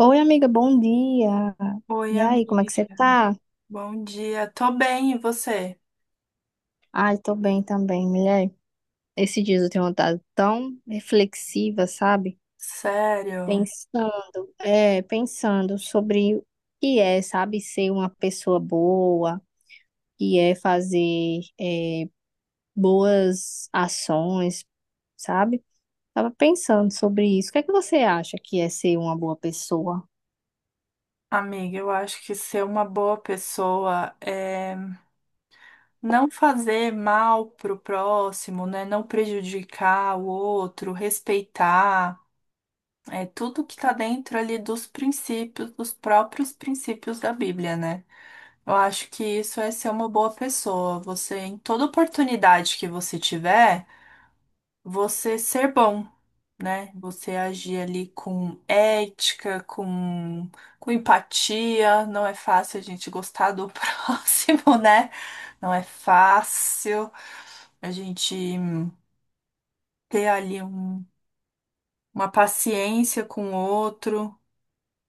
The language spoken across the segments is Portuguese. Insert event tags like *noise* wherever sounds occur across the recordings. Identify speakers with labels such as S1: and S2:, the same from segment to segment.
S1: Oi, amiga, bom dia.
S2: Oi,
S1: E aí, como é que você
S2: amiga.
S1: tá?
S2: Bom dia. Tô bem, e você?
S1: Ai, tô bem também, mulher. Esses dias eu tenho andado tão reflexiva, sabe?
S2: Sério,
S1: Pensando sobre o que é, sabe, ser uma pessoa boa, o que é fazer, boas ações, sabe? Tava pensando sobre isso. O que é que você acha que é ser uma boa pessoa?
S2: amiga, eu acho que ser uma boa pessoa é não fazer mal pro próximo, né? Não prejudicar o outro, respeitar. É tudo que tá dentro ali dos princípios, dos próprios princípios da Bíblia, né? Eu acho que isso é ser uma boa pessoa. Você, em toda oportunidade que você tiver, você ser bom. Né? Você agir ali com ética, com empatia. Não é fácil a gente gostar do *laughs* próximo, né? Não é fácil a gente ter ali uma paciência com o outro.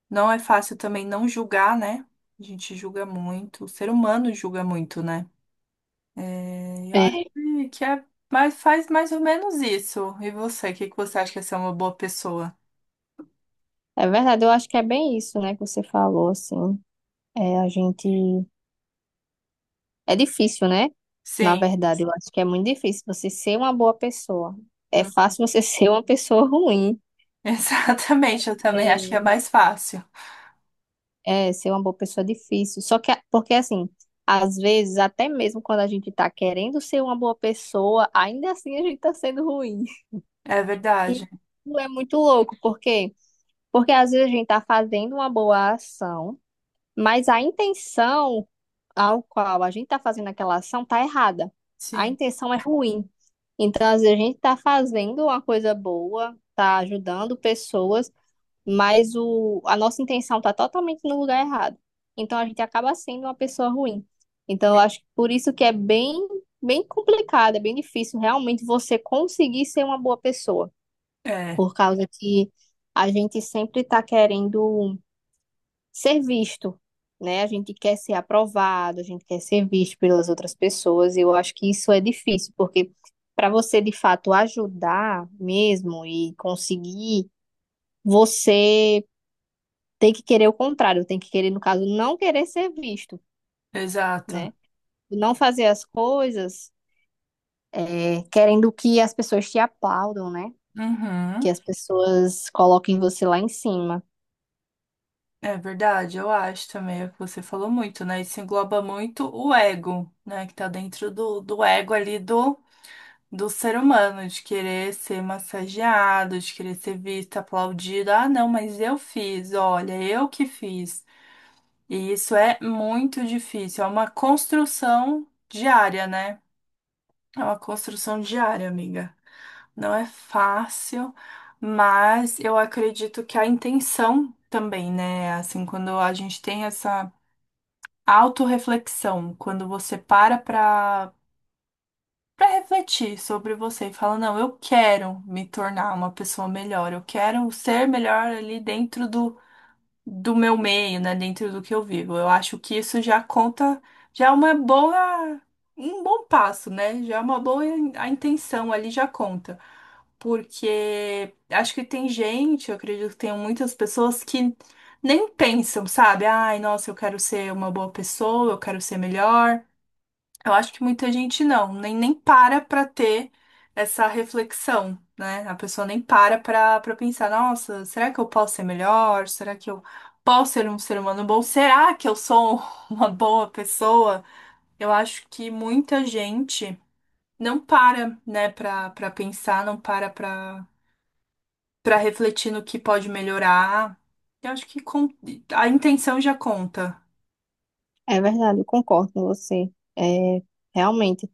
S2: Não é fácil também não julgar, né? A gente julga muito, o ser humano julga muito, né? É, eu
S1: É,
S2: acho que é, mas faz mais ou menos isso. E você, o que que você acha que é ser uma boa pessoa?
S1: é verdade, eu acho que é bem isso, né, que você falou, assim. É, a gente é difícil, né? Na
S2: Sim.
S1: verdade, eu acho que é muito difícil você ser uma boa pessoa. É fácil você *laughs* ser uma pessoa ruim.
S2: *laughs* Exatamente, eu também acho que é
S1: É,
S2: mais fácil.
S1: é, ser uma boa pessoa é difícil. Só que, porque assim, às vezes, até mesmo quando a gente tá querendo ser uma boa pessoa, ainda assim a gente tá sendo ruim. *laughs*
S2: É
S1: E
S2: verdade.
S1: isso é muito louco, por quê? Porque às vezes a gente tá fazendo uma boa ação, mas a intenção ao qual a gente está fazendo aquela ação está errada. A
S2: Sim.
S1: intenção é ruim. Então, às vezes, a gente está fazendo uma coisa boa, está ajudando pessoas, mas a nossa intenção está totalmente no lugar errado. Então, a gente acaba sendo uma pessoa ruim. Então, eu acho que por isso que é bem, bem complicado, é bem difícil realmente você conseguir ser uma boa pessoa,
S2: É,
S1: por causa que a gente sempre está querendo ser visto, né? A gente quer ser aprovado, a gente quer ser visto pelas outras pessoas, e eu acho que isso é difícil, porque para você de fato ajudar mesmo e conseguir, você tem que querer o contrário, tem que querer, no caso, não querer ser visto, né?
S2: exato.
S1: Não fazer as coisas, é, querendo que as pessoas te aplaudam, né? Que
S2: Uhum.
S1: as pessoas coloquem você lá em cima.
S2: É verdade, eu acho também. Você falou muito, né? Isso engloba muito o ego, né? Que tá dentro do, do ego ali do, do ser humano, de querer ser massageado, de querer ser visto, aplaudido. Ah, não, mas eu fiz, olha, eu que fiz. E isso é muito difícil, é uma construção diária, né? É uma construção diária, amiga. Não é fácil, mas eu acredito que a intenção também, né? Assim, quando a gente tem essa autorreflexão, quando você para pra refletir sobre você e fala, não, eu quero me tornar uma pessoa melhor, eu quero ser melhor ali dentro do meu meio, né, dentro do que eu vivo. Eu acho que isso já conta, já é uma boa, um bom passo, né? Já é uma boa a intenção ali já conta. Porque acho que tem gente, eu acredito que tem muitas pessoas que nem pensam, sabe? Ai, nossa, eu quero ser uma boa pessoa, eu quero ser melhor. Eu acho que muita gente nem para para ter essa reflexão, né? A pessoa nem para para pensar, nossa, será que eu posso ser melhor? Será que eu posso ser um ser humano bom? Será que eu sou *laughs* uma boa pessoa? Eu acho que muita gente não para, né, para para pensar, não para para refletir no que pode melhorar. Eu acho que a intenção já conta.
S1: É verdade, eu concordo com você. É, realmente.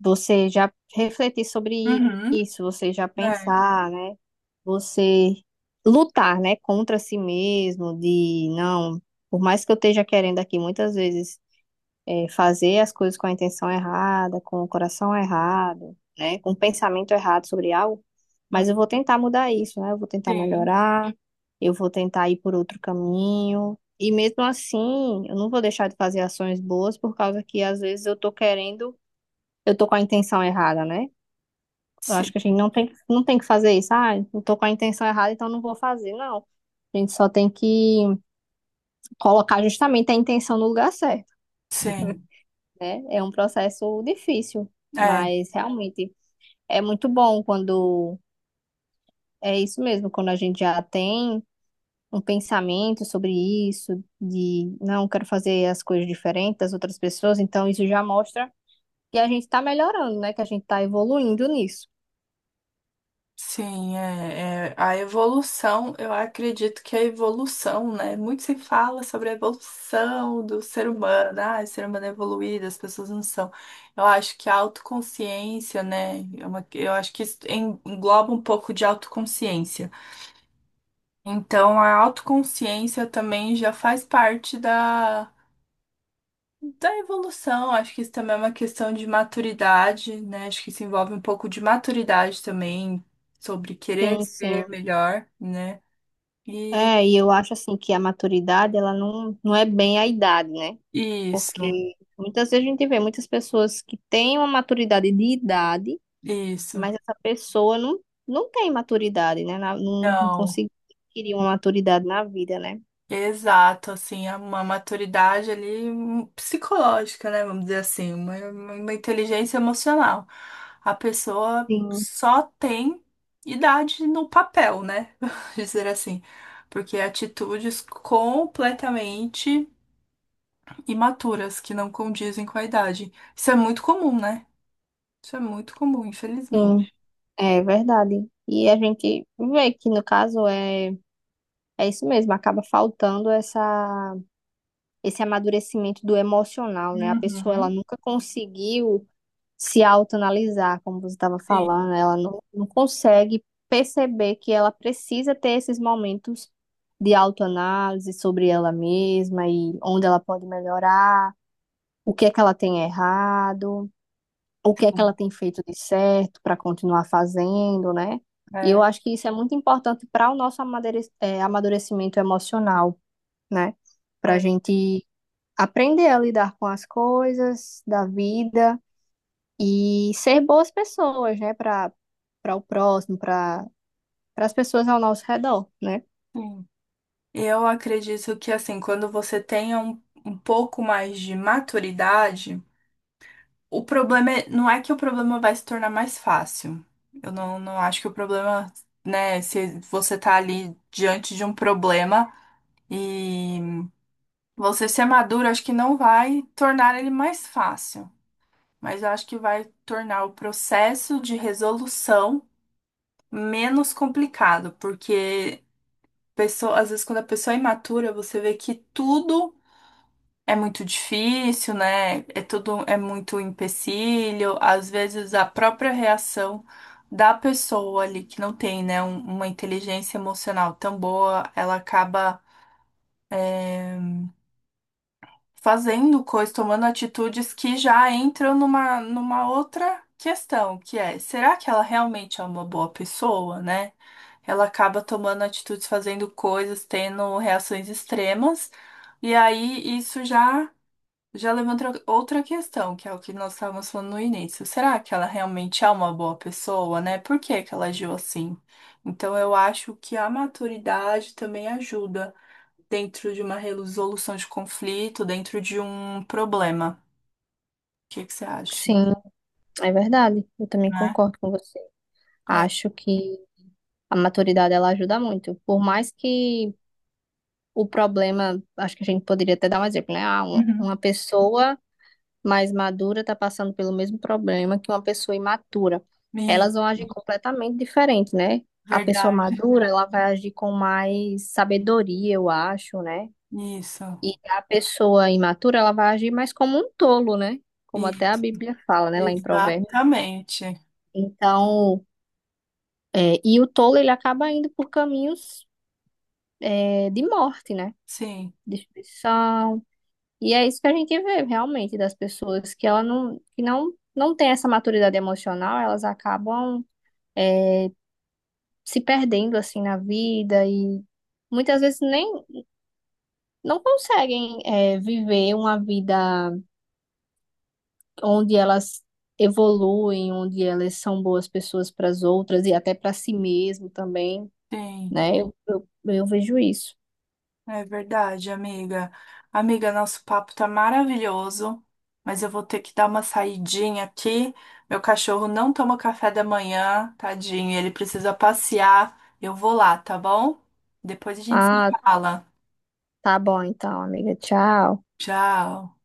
S1: Você já refletir sobre
S2: Uhum.
S1: isso, você já
S2: É.
S1: pensar, né? Você lutar, né, contra si mesmo, de não, por mais que eu esteja querendo aqui muitas vezes, fazer as coisas com a intenção errada, com o coração errado, né, com o pensamento errado sobre algo, mas eu vou tentar mudar isso, né? Eu vou tentar
S2: Sim,
S1: melhorar, eu vou tentar ir por outro caminho. E mesmo assim, eu não vou deixar de fazer ações boas por causa que às vezes eu tô com a intenção errada, né? Eu acho
S2: sim,
S1: que a gente não tem que fazer isso. Ah, eu tô com a intenção errada, então não vou fazer. Não. A gente só tem que colocar justamente a intenção no lugar certo,
S2: sim.
S1: né? É um processo difícil,
S2: É.
S1: mas realmente é muito bom quando é isso mesmo, quando a gente já tem um pensamento sobre isso, de não quero fazer as coisas diferentes das outras pessoas, então isso já mostra que a gente tá melhorando, né? Que a gente tá evoluindo nisso.
S2: Sim, a evolução, eu acredito que a evolução, né? Muito se fala sobre a evolução do ser humano, ah, o ser humano é evoluído, as pessoas não são. Eu acho que a autoconsciência, né? é eu acho que isso engloba um pouco de autoconsciência. Então, a autoconsciência também já faz parte da evolução, acho que isso também é uma questão de maturidade, né? Acho que isso envolve um pouco de maturidade também, sobre querer
S1: Sim,
S2: ser
S1: sim.
S2: melhor, né? E
S1: É, e eu acho assim que a maturidade, ela não é bem a idade, né?
S2: isso,
S1: Porque muitas vezes a gente vê muitas pessoas que têm uma maturidade de idade,
S2: isso.
S1: mas essa pessoa não, não tem maturidade, né? Não, não
S2: Não,
S1: conseguiu adquirir uma maturidade na vida, né?
S2: exato, assim, é uma maturidade ali psicológica, né? Vamos dizer assim, uma inteligência emocional. A pessoa
S1: Sim,
S2: só tem idade no papel, né? *laughs* dizer assim, porque atitudes completamente imaturas, que não condizem com a idade. Isso é muito comum, né? Isso é muito comum,
S1: sim,
S2: infelizmente.
S1: é verdade. E a gente vê que no caso é, é isso mesmo, acaba faltando essa, esse amadurecimento do emocional, né? A pessoa ela
S2: Uhum,
S1: nunca conseguiu se autoanalisar, como você estava
S2: sim.
S1: falando, ela não consegue perceber que ela precisa ter esses momentos de autoanálise sobre ela mesma e onde ela pode melhorar, o que é que ela tem errado, o que é que ela tem feito de certo para continuar fazendo, né? E eu
S2: É,
S1: acho que isso é muito importante para o nosso amadurecimento emocional, né? Para a
S2: é,
S1: gente aprender a lidar com as coisas da vida e ser boas pessoas, né, para o próximo, para as pessoas ao nosso redor, né?
S2: sim. Eu acredito que, assim, quando você tenha um pouco mais de maturidade, o problema é, não é que o problema vai se tornar mais fácil. Eu não acho que o problema, né, se você tá ali diante de um problema e você ser maduro, acho que não vai tornar ele mais fácil. Mas eu acho que vai tornar o processo de resolução menos complicado, porque pessoa, às vezes quando a pessoa é imatura, você vê que tudo é muito difícil, né? É tudo é muito empecilho, às vezes a própria reação da pessoa ali que não tem, né, uma inteligência emocional tão boa, ela acaba eh, fazendo coisas, tomando atitudes que já entram numa, numa outra questão, que é, será que ela realmente é uma boa pessoa, né? Ela acaba tomando atitudes, fazendo coisas, tendo reações extremas, e aí isso já levanta outra questão, que é o que nós estávamos falando no início. Será que ela realmente é uma boa pessoa, né? Por que que ela agiu assim? Então eu acho que a maturidade também ajuda dentro de uma resolução de conflito, dentro de um problema. O que que você acha,
S1: Sim, é verdade. Eu também
S2: né?
S1: concordo com você.
S2: É.
S1: Acho que a maturidade ela ajuda muito. Por mais que o problema, acho que a gente poderia até dar um exemplo, né? Ah,
S2: Uhum.
S1: uma pessoa mais madura está passando pelo mesmo problema que uma pessoa imatura.
S2: E-
S1: Elas vão agir completamente diferente, né? A pessoa
S2: verdade.
S1: madura, ela vai agir com mais sabedoria, eu acho, né? E
S2: Isso.
S1: a pessoa imatura, ela vai agir mais como um tolo, né? Como
S2: E
S1: até a Bíblia fala, né, lá em Provérbios.
S2: exatamente.
S1: Então, é, e o tolo, ele acaba indo por caminhos, é, de morte, né?
S2: Sim,
S1: Destruição. E é isso que a gente vê realmente das pessoas que ela não, que não, não tem essa maturidade emocional, elas acabam, é, se perdendo assim na vida e muitas vezes nem não conseguem, é, viver uma vida onde elas evoluem, onde elas são boas pessoas para as outras e até para si mesmo também,
S2: sim.
S1: né? Eu vejo isso.
S2: É verdade, amiga. Amiga, nosso papo tá maravilhoso, mas eu vou ter que dar uma saidinha aqui. Meu cachorro não toma café da manhã, tadinho, ele precisa passear. Eu vou lá, tá bom? Depois a gente se
S1: Ah,
S2: fala.
S1: tá bom então, amiga. Tchau.
S2: Tchau.